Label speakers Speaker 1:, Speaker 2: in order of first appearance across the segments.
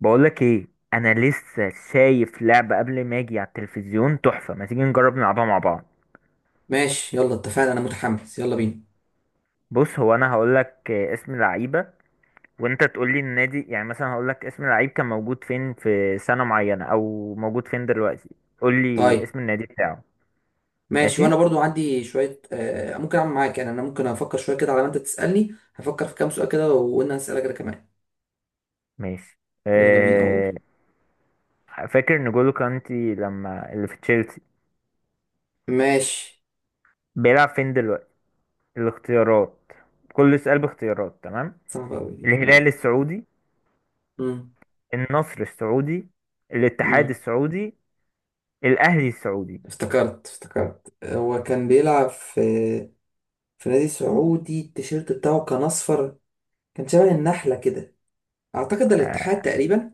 Speaker 1: بقولك ايه؟ انا لسه شايف لعبة قبل ما اجي على التلفزيون، تحفة. ما تيجي نجرب نلعبها مع بعض؟
Speaker 2: ماشي، يلا اتفقنا، انا متحمس، يلا بينا.
Speaker 1: بص، هو انا هقولك اسم لعيبة وانت تقولي النادي. يعني مثلا هقولك اسم اللعيب كان موجود فين في سنة معينة او موجود فين دلوقتي، قولي
Speaker 2: طيب.
Speaker 1: اسم النادي بتاعه.
Speaker 2: ماشي، وانا
Speaker 1: ماشي
Speaker 2: برضو عندي شويه، ممكن اعمل معاك. يعني انا ممكن افكر شويه كده على ما انت تسالني. هفكر في كام سؤال كده وانا هسالك انا كمان.
Speaker 1: ماشي.
Speaker 2: يلا بينا اقول.
Speaker 1: أه... فاكر نجولو كانتي لما اللي في تشيلسي
Speaker 2: ماشي.
Speaker 1: بيلعب فين دلوقتي؟ الاختيارات، كل سؤال باختيارات، تمام؟
Speaker 2: صعبه قوي دي.
Speaker 1: الهلال السعودي،
Speaker 2: مم.
Speaker 1: النصر السعودي، الاتحاد
Speaker 2: مم.
Speaker 1: السعودي، الاهلي السعودي.
Speaker 2: افتكرت هو كان بيلعب في نادي سعودي، التيشيرت بتاعه كان اصفر، كان شبه النحله كده. اعتقد ده الاتحاد
Speaker 1: آه.
Speaker 2: تقريبا.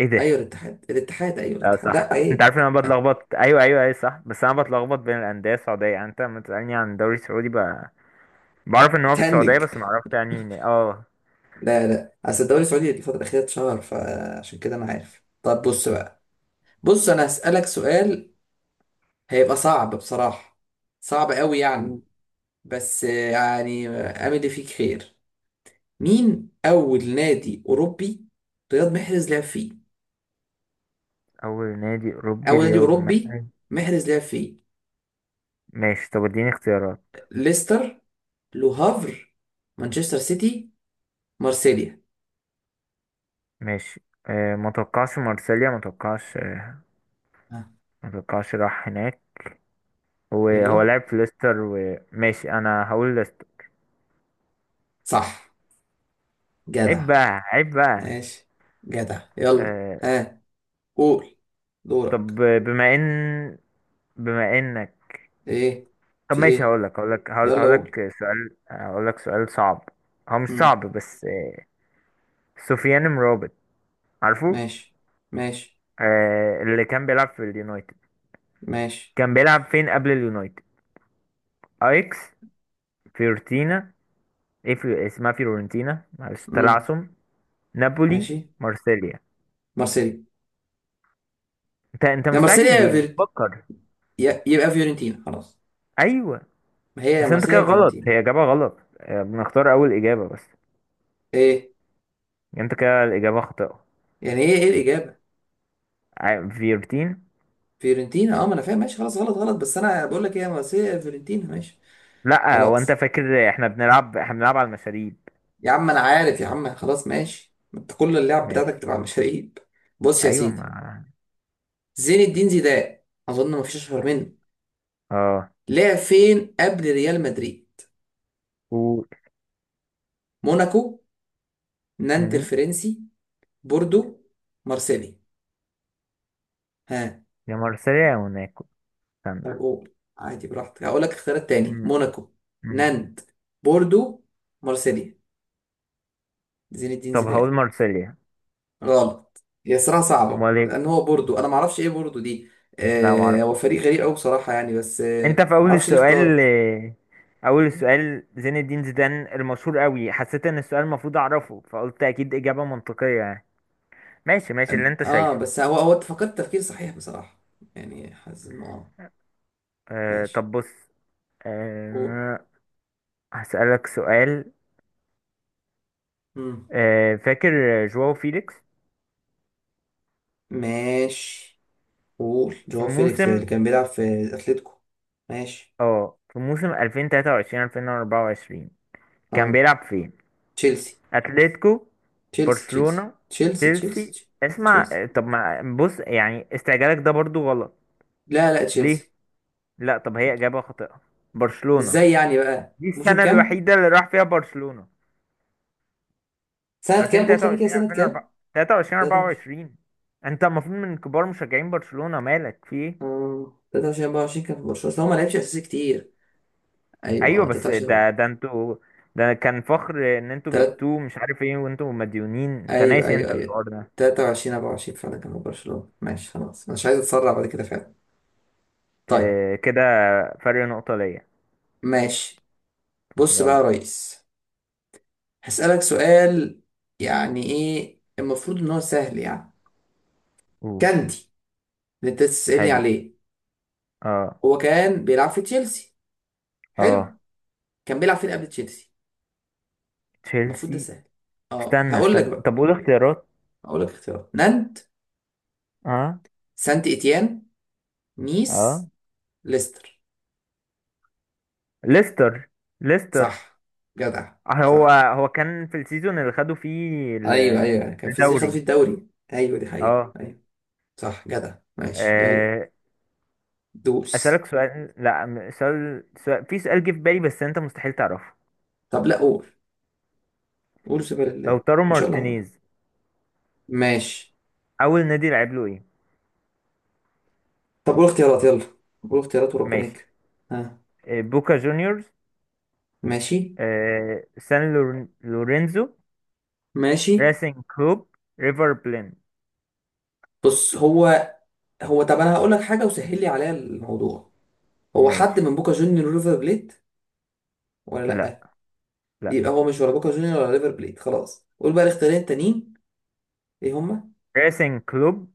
Speaker 1: ايه
Speaker 2: ايوه
Speaker 1: ده؟
Speaker 2: الاتحاد، الاتحاد، ايوه
Speaker 1: اه،
Speaker 2: الاتحاد،
Speaker 1: صح.
Speaker 2: لا
Speaker 1: انت
Speaker 2: ايه.
Speaker 1: عارف إن انا بتلخبط، ايوه ايوه ايوه، صح، بس انا بتلخبط بين الانديه السعوديه، يعني انت لما تسالني عن الدوري السعودي بعرف ان هو في السعوديه
Speaker 2: تهنج.
Speaker 1: بس ما اعرفش يعني هنا. اه.
Speaker 2: لا لا، اصل الدوري السعودي الفترة الأخيرة اتشهر، فعشان كده أنا عارف. طب بص بقى، بص أنا هسألك سؤال. هيبقى صعب بصراحة، صعب قوي يعني.
Speaker 1: مم.
Speaker 2: بس يعني أمل فيك خير. مين أول نادي أوروبي رياض محرز لعب فيه؟
Speaker 1: اول نادي اوروبي
Speaker 2: أول نادي
Speaker 1: رياض
Speaker 2: أوروبي
Speaker 1: محل.
Speaker 2: محرز لعب فيه.
Speaker 1: ماشي، طب اديني اختيارات.
Speaker 2: ليستر، لو هافر، مانشستر سيتي، مارسيليا.
Speaker 1: ماشي. ما توقعش مارسيليا، ما توقعش.
Speaker 2: ها؟
Speaker 1: ما توقعش راح هناك. هو
Speaker 2: يلا.
Speaker 1: لعب في ليستر، وماشي انا هقول ليستر.
Speaker 2: صح.
Speaker 1: عيب
Speaker 2: جدع.
Speaker 1: بقى، عيب بقى.
Speaker 2: ماشي. جدع، يلا.
Speaker 1: آه،
Speaker 2: ها، قول.
Speaker 1: طب
Speaker 2: دورك.
Speaker 1: بما انك،
Speaker 2: ايه؟
Speaker 1: طب
Speaker 2: في
Speaker 1: ماشي،
Speaker 2: ايه؟ يلا قول.
Speaker 1: هقول لك سؤال صعب. هو مش
Speaker 2: امم.
Speaker 1: صعب بس. سفيان مرابط، عارفه؟
Speaker 2: ماشي. ماشي.
Speaker 1: اللي كان بيلعب في اليونايتد،
Speaker 2: ماشي.
Speaker 1: كان بيلعب فين قبل اليونايتد؟ ايكس، فيورتينا، اسمها فيورنتينا، معلش
Speaker 2: امم.
Speaker 1: تلعثم. نابولي،
Speaker 2: ماشي.
Speaker 1: مارسيليا.
Speaker 2: مارسيليا.
Speaker 1: انت
Speaker 2: يا مارسيليا
Speaker 1: مستعجل
Speaker 2: يا
Speaker 1: ليه،
Speaker 2: فيرت،
Speaker 1: بتفكر؟
Speaker 2: يبقى فيورنتينا خلاص.
Speaker 1: ايوه
Speaker 2: ما هي يا
Speaker 1: بس انت
Speaker 2: مارسيليا
Speaker 1: كده
Speaker 2: يا
Speaker 1: غلط،
Speaker 2: فيورنتينا.
Speaker 1: هي اجابه غلط، بنختار اول اجابه بس.
Speaker 2: ايه؟
Speaker 1: انت كده الاجابه خاطئه.
Speaker 2: يعني ايه؟ ايه الاجابه؟
Speaker 1: فيورتين.
Speaker 2: فيورنتينا، اه ما انا فاهم. ماشي خلاص، غلط غلط، بس انا بقول لك ايه، يا مارسيليا يا فيورنتينا. ماشي
Speaker 1: لا، هو انت
Speaker 2: خلاص
Speaker 1: فاكر احنا بنلعب، احنا بنلعب على المشاريب.
Speaker 2: يا عم، انا عارف يا عم، خلاص ماشي، ما انت كل اللعب
Speaker 1: ماشي.
Speaker 2: بتاعتك بتبقى مشاريب. بص يا
Speaker 1: ايوه ما...
Speaker 2: سيدي، زين الدين زيدان، اظن ما فيش اشهر منه.
Speaker 1: اه
Speaker 2: لعب فين قبل ريال مدريد؟
Speaker 1: و
Speaker 2: موناكو، نانت
Speaker 1: مم.
Speaker 2: الفرنسي، بوردو، مارسيلي. ها؟
Speaker 1: يا مارسيليا يا موناكو،
Speaker 2: طب
Speaker 1: استنى.
Speaker 2: قول عادي، براحتك. هقول لك اختيارات تاني.
Speaker 1: مم.
Speaker 2: موناكو،
Speaker 1: مم.
Speaker 2: نانت، بوردو، مارسيليا. زين الدين
Speaker 1: طب هقول
Speaker 2: زيدان.
Speaker 1: مارسيليا.
Speaker 2: غلط هي، صراحة صعبة،
Speaker 1: امال ايه؟
Speaker 2: لأن هو بوردو، أنا معرفش إيه بوردو دي.
Speaker 1: لا،
Speaker 2: هو
Speaker 1: معرفوش.
Speaker 2: فريق غريب أوي بصراحة يعني، بس
Speaker 1: انت في اول
Speaker 2: معرفش ليه
Speaker 1: السؤال،
Speaker 2: اختاره.
Speaker 1: اول السؤال زين الدين زيدان المشهور قوي، حسيت ان السؤال المفروض اعرفه فقلت اكيد اجابة منطقية يعني. ماشي، ماشي اللي
Speaker 2: أم-
Speaker 1: انت شايفه.
Speaker 2: بس هو، هو فكرت تفكير صحيح بصراحة. يعني حاسس إنه. ماشي.
Speaker 1: طب بص.
Speaker 2: قول.
Speaker 1: آه هسألك سؤال.
Speaker 2: مم.
Speaker 1: فاكر جواو فيليكس؟
Speaker 2: ماشي. قول
Speaker 1: في
Speaker 2: جواو فيليكس اللي
Speaker 1: موسم،
Speaker 2: كان بيلعب في اتلتيكو. ماشي.
Speaker 1: 2023 2024 كان
Speaker 2: اه،
Speaker 1: بيلعب فين؟
Speaker 2: تشيلسي
Speaker 1: اتلتيكو،
Speaker 2: تشيلسي تشيلسي
Speaker 1: برشلونة،
Speaker 2: تشيلسي
Speaker 1: تشيلسي.
Speaker 2: تشيلسي تشيلسي.
Speaker 1: اسمع، طب ما بص، يعني استعجالك ده برضو غلط.
Speaker 2: لا لا، تشيلسي.
Speaker 1: ليه؟ لا طب هي إجابة خاطئة. برشلونة،
Speaker 2: ازاي يعني؟ بقى
Speaker 1: دي
Speaker 2: موسم
Speaker 1: السنة
Speaker 2: كام؟
Speaker 1: الوحيدة اللي راح فيها برشلونة.
Speaker 2: سنة كام؟ قول تاني كده
Speaker 1: 2023
Speaker 2: سنة كام.
Speaker 1: 2024، 23
Speaker 2: 23.
Speaker 1: 24. انت المفروض من كبار مشجعين برشلونة، مالك في ايه؟
Speaker 2: اه 23 24 كان في برشلونة، أصل هو ما لعبش اساسي كتير. ايوه،
Speaker 1: ايوه
Speaker 2: اه
Speaker 1: بس
Speaker 2: 23.
Speaker 1: ده انتوا، ده كان فخر ان انتوا
Speaker 2: تلات،
Speaker 1: جبتوه، مش عارف ايه، وانتوا مديونين، انت
Speaker 2: ايوه
Speaker 1: ناسي
Speaker 2: ايوه
Speaker 1: انت
Speaker 2: ايوه،
Speaker 1: الحوار ده؟
Speaker 2: 23 24 فعلا كان في برشلونة. ماشي خلاص، انا مش عايز اتسرع بعد كده فعلا. طيب.
Speaker 1: كده فرق نقطة ليا.
Speaker 2: ماشي بص بقى
Speaker 1: يلا
Speaker 2: يا ريس، هسألك سؤال. يعني ايه؟ المفروض ان هو سهل يعني.
Speaker 1: قول.
Speaker 2: كاندي، اللي انت تسألني
Speaker 1: حلو.
Speaker 2: عليه.
Speaker 1: اه
Speaker 2: هو كان بيلعب في تشيلسي، حلو.
Speaker 1: اه
Speaker 2: كان بيلعب فين قبل تشيلسي؟ المفروض ده
Speaker 1: تشيلسي.
Speaker 2: سهل. اه،
Speaker 1: استنى
Speaker 2: هقول لك
Speaker 1: استنى،
Speaker 2: بقى.
Speaker 1: طب قول اختيارات.
Speaker 2: هقول لك اختيارات: نانت،
Speaker 1: اه
Speaker 2: سانت اتيان، نيس،
Speaker 1: اه
Speaker 2: ليستر.
Speaker 1: ليستر، ليستر.
Speaker 2: صح، جدع.
Speaker 1: هو
Speaker 2: صح،
Speaker 1: هو كان في السيزون اللي خدوا فيه
Speaker 2: ايوه ايوه، كان في زيزي خد فيه
Speaker 1: الدوري.
Speaker 2: الدوري. ايوه دي حقيقة،
Speaker 1: اه.
Speaker 2: ايوه. صح، جدع، ماشي يلا.
Speaker 1: آه،
Speaker 2: دوس.
Speaker 1: اسألك سؤال. لا، سؤال، في سؤال جه في بالي بس انت مستحيل تعرفه.
Speaker 2: طب لا قول. قول، سبحان
Speaker 1: لو
Speaker 2: الله.
Speaker 1: تارو
Speaker 2: ان شاء الله هعرف.
Speaker 1: مارتينيز
Speaker 2: ماشي.
Speaker 1: اول نادي لعب له ايه؟
Speaker 2: طب قول اختيارات يلا، قول اختيارات وربنا
Speaker 1: ماشي.
Speaker 2: يكرم. ها؟
Speaker 1: بوكا جونيورز،
Speaker 2: ماشي.
Speaker 1: سان لورينزو،
Speaker 2: ماشي.
Speaker 1: ريسنج كلوب، ريفر بلين.
Speaker 2: بص هو، هو، طب انا هقول لك حاجه وسهل لي عليها الموضوع. هو حد
Speaker 1: ماشي.
Speaker 2: من بوكا جونيور ريفر بليت ولا
Speaker 1: لا،
Speaker 2: لا؟
Speaker 1: لا.
Speaker 2: يبقى هو مش ولا بوكا جونيور ولا ريفر بليت خلاص. قول بقى الاختيارين التانيين، ايه هما؟
Speaker 1: ريسنج كلوب،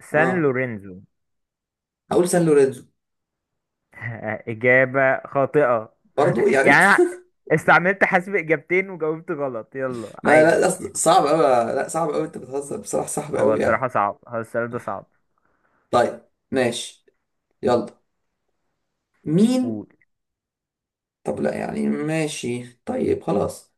Speaker 1: سان
Speaker 2: اه،
Speaker 1: لورينزو.
Speaker 2: هقول سان لورينزو.
Speaker 1: إجابة خاطئة.
Speaker 2: برضو يعني انت.
Speaker 1: يعني أنا استعملت حسب إجابتين وجاوبت غلط، يلا
Speaker 2: ما
Speaker 1: عادي.
Speaker 2: لا، أصل صعب قوي. لا، صعب قوي، انت بتهزر، بصراحه صعب
Speaker 1: هو
Speaker 2: قوي
Speaker 1: الصراحة
Speaker 2: يعني.
Speaker 1: صعب، هو السؤال ده صعب.
Speaker 2: طيب. ماشي. يلا. مين؟
Speaker 1: قول.
Speaker 2: طب لا، يعني ماشي، طيب خلاص.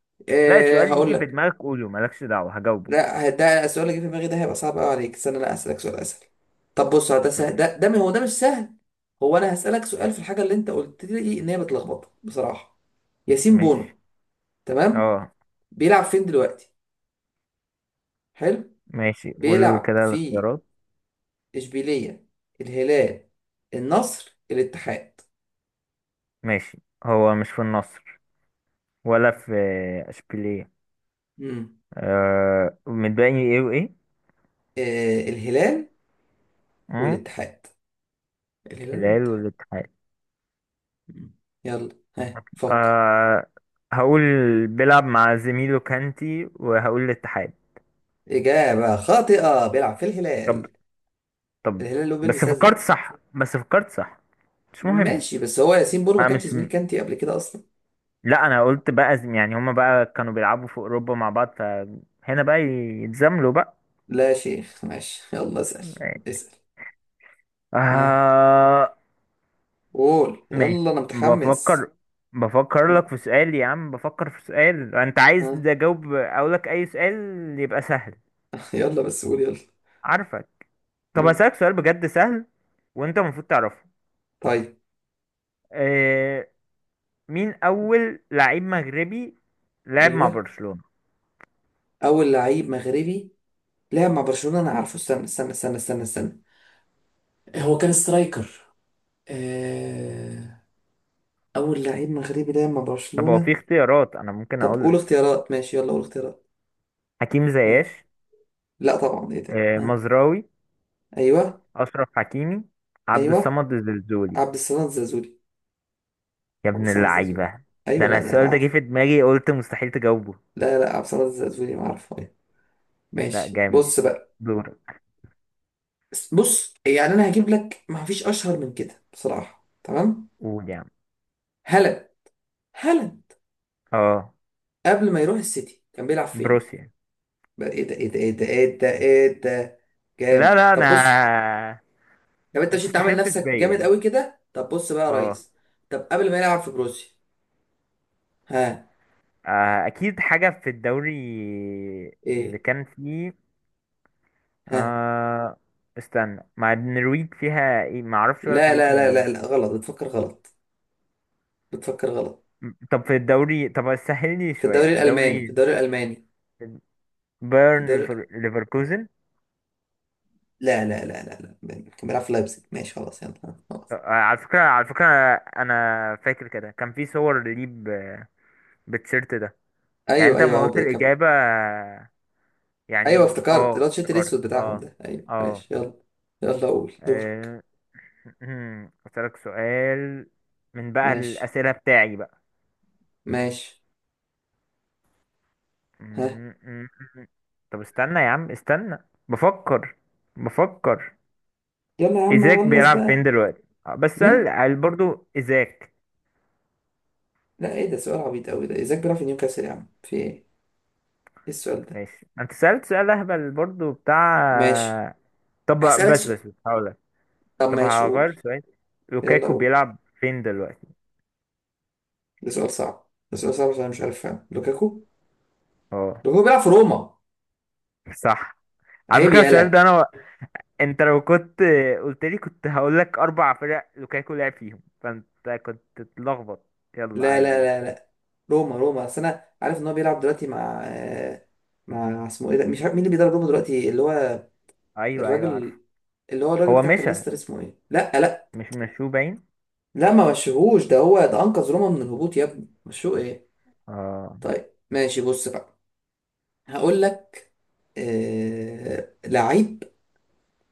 Speaker 1: لا،
Speaker 2: أه،
Speaker 1: السؤال
Speaker 2: هقول
Speaker 1: يجي في
Speaker 2: لك.
Speaker 1: دماغك قوله، مالكش دعوة، هجاوبه.
Speaker 2: لا، ده السؤال اللي جه في دماغي ده هيبقى صعب قوي عليك. استنى، انا اسالك سؤال اسهل. طب بص ده سهل،
Speaker 1: طيب،
Speaker 2: ده ده هو، ده مش سهل. هو انا هسالك سؤال في الحاجه اللي انت قلت لي ان هي بتلخبطك بصراحه. ياسين
Speaker 1: ماشي.
Speaker 2: بونو. تمام.
Speaker 1: اه،
Speaker 2: بيلعب فين دلوقتي؟ حلو.
Speaker 1: ماشي قول
Speaker 2: بيلعب
Speaker 1: كده
Speaker 2: في
Speaker 1: الاختيارات.
Speaker 2: اشبيليه، الهلال، النصر، الاتحاد.
Speaker 1: ماشي، هو مش في النصر ولا في اشبيليه.
Speaker 2: امم.
Speaker 1: متبقي ايه وايه؟
Speaker 2: آه، الهلال
Speaker 1: اه،
Speaker 2: والاتحاد. الهلال
Speaker 1: الهلال
Speaker 2: والاتحاد.
Speaker 1: والاتحاد.
Speaker 2: مم. يلا، ها، فكر.
Speaker 1: آه هقول بيلعب مع زميله كانتي، وهقول الاتحاد.
Speaker 2: اجابه خاطئه، بيلعب في
Speaker 1: طب.
Speaker 2: الهلال.
Speaker 1: طب.
Speaker 2: الهلال اللي هو
Speaker 1: بس
Speaker 2: بيلبس
Speaker 1: فكرت
Speaker 2: ازرق.
Speaker 1: صح، بس فكرت صح، مش مهم.
Speaker 2: ماشي، بس هو ياسين بونو ما
Speaker 1: انا
Speaker 2: كانش
Speaker 1: مش
Speaker 2: زميل
Speaker 1: م...
Speaker 2: كانتي قبل كده اصلا.
Speaker 1: لا، انا قلت بقى يعني هما بقى كانوا بيلعبوا في اوروبا مع بعض، فهنا بقى يتزاملوا بقى.
Speaker 2: لا يا شيخ، ماشي، يلا اسال. اسال. ها؟
Speaker 1: آه.
Speaker 2: قول يلا،
Speaker 1: ماشي،
Speaker 2: انا متحمس.
Speaker 1: بفكر، بفكر
Speaker 2: مم.
Speaker 1: لك في سؤال يا عم، بفكر في سؤال انت
Speaker 2: ها.
Speaker 1: عايز اجاوب، اقول لك اي سؤال يبقى سهل.
Speaker 2: يلا بس قول يلا.
Speaker 1: عارفك. طب
Speaker 2: مم.
Speaker 1: هسألك سؤال بجد سهل وانت المفروض تعرفه.
Speaker 2: طيب.
Speaker 1: آه، مين أول لعيب مغربي لعب مع
Speaker 2: ايوه،
Speaker 1: برشلونة؟
Speaker 2: اول لعيب مغربي لعب مع برشلونة، انا عارفه. استنى استنى استنى استنى استنى. هو كان سترايكر. آه، اول لعيب مغربي لعب مع
Speaker 1: طب هو في
Speaker 2: برشلونة.
Speaker 1: اختيارات أنا ممكن
Speaker 2: طب
Speaker 1: أقول
Speaker 2: قول
Speaker 1: لك.
Speaker 2: اختيارات، ماشي، يلا قول اختيارات.
Speaker 1: حكيم
Speaker 2: ها؟
Speaker 1: زياش،
Speaker 2: لا طبعا، ايه ده؟ ها.
Speaker 1: مزراوي،
Speaker 2: ايوه.
Speaker 1: أشرف حكيمي، عبد
Speaker 2: ايوه
Speaker 1: الصمد الزلزولي.
Speaker 2: عبد السلام زازولي.
Speaker 1: يا
Speaker 2: عبد
Speaker 1: ابن
Speaker 2: الصمد الزازولي.
Speaker 1: اللعيبة، ده
Speaker 2: ايوه،
Speaker 1: أنا
Speaker 2: لا ده انا
Speaker 1: السؤال ده جه
Speaker 2: عارف.
Speaker 1: في دماغي قلت مستحيل تجاوبه.
Speaker 2: لا لا، عبد الصمد الزازولي، ما عارفه ايه.
Speaker 1: لا،
Speaker 2: ماشي
Speaker 1: جامد.
Speaker 2: بص بقى،
Speaker 1: دورك.
Speaker 2: بص يعني انا هجيب لك ما فيش اشهر من كده بصراحه، تمام؟
Speaker 1: قول يا عم.
Speaker 2: هلا. هلا.
Speaker 1: اه،
Speaker 2: قبل ما يروح السيتي كان بيلعب فين؟
Speaker 1: بروسيا.
Speaker 2: بقى ايه ده، ايه ده، ايه ده، ايه ده، ايه ده؟
Speaker 1: لا،
Speaker 2: جامد.
Speaker 1: لا
Speaker 2: طب
Speaker 1: أنا،
Speaker 2: بص. طب انت
Speaker 1: ما
Speaker 2: مش، انت عامل
Speaker 1: تستخفش
Speaker 2: نفسك
Speaker 1: بيا
Speaker 2: جامد
Speaker 1: يعني.
Speaker 2: قوي كده. طب بص بقى يا
Speaker 1: اه.
Speaker 2: ريس. طب قبل ما يلعب في بروسيا؟ ها؟
Speaker 1: أكيد حاجة في الدوري اللي
Speaker 2: ايه؟
Speaker 1: كان فيه.
Speaker 2: ها؟
Speaker 1: آه. استنى، مع النرويج فيها ايه؟ ما اعرفش، ولا
Speaker 2: لا
Speaker 1: فريق في
Speaker 2: لا لا
Speaker 1: النرويج.
Speaker 2: لا لا، غلط، بتفكر غلط، بتفكر غلط.
Speaker 1: طب سهل لي
Speaker 2: في
Speaker 1: شويه،
Speaker 2: الدوري
Speaker 1: في
Speaker 2: الالماني، في
Speaker 1: الدوري.
Speaker 2: الدوري الالماني، في الدوري.
Speaker 1: ليفركوزن.
Speaker 2: لا لا لا لا لا، كان بيلعب في لايبزيج. ماشي خلاص، يلا خلاص.
Speaker 1: على فكره، انا فاكر كده كان في صور ليه بالتيشيرت ده. يعني
Speaker 2: ايوه
Speaker 1: انت
Speaker 2: ايوه،
Speaker 1: ما
Speaker 2: هو
Speaker 1: قلت
Speaker 2: كان.
Speaker 1: الاجابه،
Speaker 2: ايوه
Speaker 1: يعني
Speaker 2: افتكرت، اللي هو التيشيرت
Speaker 1: افتكرت.
Speaker 2: الاسود بتاعهم
Speaker 1: اه
Speaker 2: ده، ايوه.
Speaker 1: اه
Speaker 2: ماشي، يلا. يلا، قول، دورك.
Speaker 1: آه، اسالك سؤال من بقى
Speaker 2: ماشي.
Speaker 1: الاسئله بتاعي بقى.
Speaker 2: ماشي. ها.
Speaker 1: م- م- م. طب استنى يا عم استنى، بفكر، بفكر.
Speaker 2: يلا يا عم،
Speaker 1: ايزاك
Speaker 2: خلص
Speaker 1: بيلعب فين
Speaker 2: بقى.
Speaker 1: دلوقتي، بس سؤال
Speaker 2: مين؟
Speaker 1: قال برضو ايزاك.
Speaker 2: لا ايه ده، سؤال عبيط قوي ده، ازاي؟ بيلعب في نيوكاسل يا عم، في ايه؟ ايه السؤال ده؟
Speaker 1: ماشي، انت سألت سؤال اهبل برضو
Speaker 2: ماشي.
Speaker 1: بتاع. طب
Speaker 2: هسألك
Speaker 1: بس
Speaker 2: سؤال.
Speaker 1: بس بس هقولك،
Speaker 2: طب
Speaker 1: طب
Speaker 2: ماشي قول.
Speaker 1: هغير سؤال.
Speaker 2: يلا
Speaker 1: لوكاكو
Speaker 2: قول.
Speaker 1: بيلعب فين دلوقتي؟
Speaker 2: ده سؤال صعب، ده سؤال صعب عشان أنا مش عارف، فاهم؟ لوكاكو،
Speaker 1: اه،
Speaker 2: لوكاكو بيلعب في روما.
Speaker 1: صح. على
Speaker 2: عيب،
Speaker 1: فكرة السؤال ده
Speaker 2: يالا.
Speaker 1: انا، انت لو كنت قلت لي كنت هقول لك اربع فرق لوكاكو لعب فيهم، فانت كنت تتلخبط. يلا
Speaker 2: لا لا
Speaker 1: عادي بقى.
Speaker 2: لا لا، روما روما، بس انا عارف ان هو بيلعب دلوقتي مع، مع اسمه ايه ده، مش عارف مين اللي بيدرب روما دلوقتي، اللي هو
Speaker 1: ايوه ايوه، عارف.
Speaker 2: الراجل، اللي هو الراجل
Speaker 1: هو
Speaker 2: بتاع كان
Speaker 1: مشى،
Speaker 2: ليستر، اسمه ايه؟ لا لا.
Speaker 1: مش مشو باين.
Speaker 2: لا ما مشيهوش، ده هو ده انقذ روما من الهبوط يا ابني، مشوه ايه؟
Speaker 1: اه.
Speaker 2: طيب ماشي، بص بقى، هقول لك لعيب.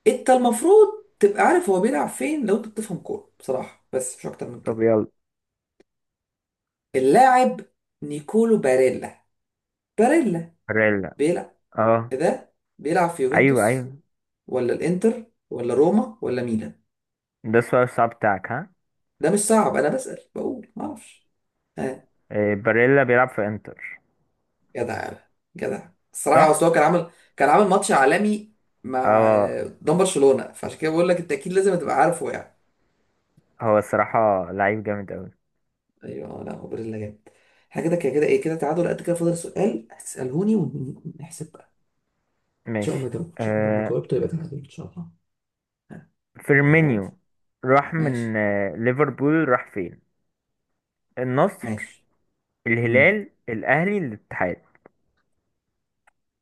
Speaker 2: انت المفروض تبقى عارف هو بيلعب فين لو انت بتفهم كوره بصراحه، بس مش اكتر من
Speaker 1: طب
Speaker 2: كده.
Speaker 1: يلا.
Speaker 2: اللاعب نيكولو باريلا. باريلا.
Speaker 1: باريلا.
Speaker 2: بيلعب،
Speaker 1: اه.
Speaker 2: إيه ده، بيلعب في
Speaker 1: ايوه
Speaker 2: يوفنتوس،
Speaker 1: ايوه،
Speaker 2: ولا الانتر، ولا روما، ولا ميلان؟
Speaker 1: ده السؤال الصعب بتاعك، ها؟
Speaker 2: ده مش صعب، انا بسأل بقول ما اعرفش. ها؟
Speaker 1: باريلا بيلعب في انتر.
Speaker 2: جدع يا بابا. جدع الصراحه،
Speaker 1: صح.
Speaker 2: اصل هو كان عامل، كان عامل ماتش عالمي مع،
Speaker 1: اه،
Speaker 2: قدام برشلونه، فعشان كده بقول لك انت اكيد لازم تبقى عارفه يعني.
Speaker 1: هو الصراحة لعيب جامد اوي.
Speaker 2: ايوه، لا هو بريلا جامد. احنا كده كده كده ايه كده، تعادل قد كده، فاضل سؤال هتسالهوني ونحسب بقى. ان شاء الله
Speaker 1: ماشي.
Speaker 2: جاوبت، ان شاء الله ما
Speaker 1: آه
Speaker 2: جاوبت يبقى تعادل ان شاء الله. ها. يلا هو.
Speaker 1: فيرمينيو راح من
Speaker 2: ماشي.
Speaker 1: ليفربول راح فين؟ النصر،
Speaker 2: ماشي. امم.
Speaker 1: الهلال، الاهلي، الاتحاد.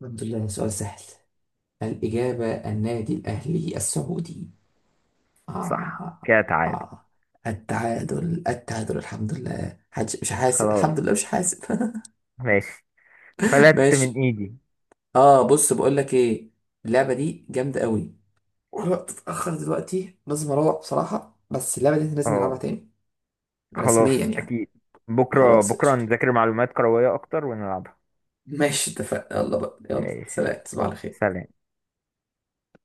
Speaker 2: الحمد لله، سؤال سهل. الإجابة النادي الأهلي السعودي. آه
Speaker 1: صح
Speaker 2: آه.
Speaker 1: كده تعادل.
Speaker 2: آه. التعادل، التعادل، الحمد لله، حدش مش حاسب،
Speaker 1: خلاص.
Speaker 2: الحمد لله مش حاسب.
Speaker 1: ماشي، فلت من
Speaker 2: ماشي.
Speaker 1: ايدي.
Speaker 2: اه، بص بقول لك ايه، اللعبة دي جامدة قوي، والوقت اتأخر دلوقتي، لازم اروح بصراحة، بس اللعبة دي إحنا لازم نلعبها
Speaker 1: اه،
Speaker 2: تاني، رسميا
Speaker 1: خلاص
Speaker 2: يعني.
Speaker 1: اكيد. بكرة
Speaker 2: خلاص
Speaker 1: بكرة
Speaker 2: قشطة،
Speaker 1: نذاكر معلومات كروية اكتر ونلعب.
Speaker 2: ماشي اتفقنا، يلا بقى، يلا
Speaker 1: ماشي يلا.
Speaker 2: سلام، تصبح على خير.
Speaker 1: سلام.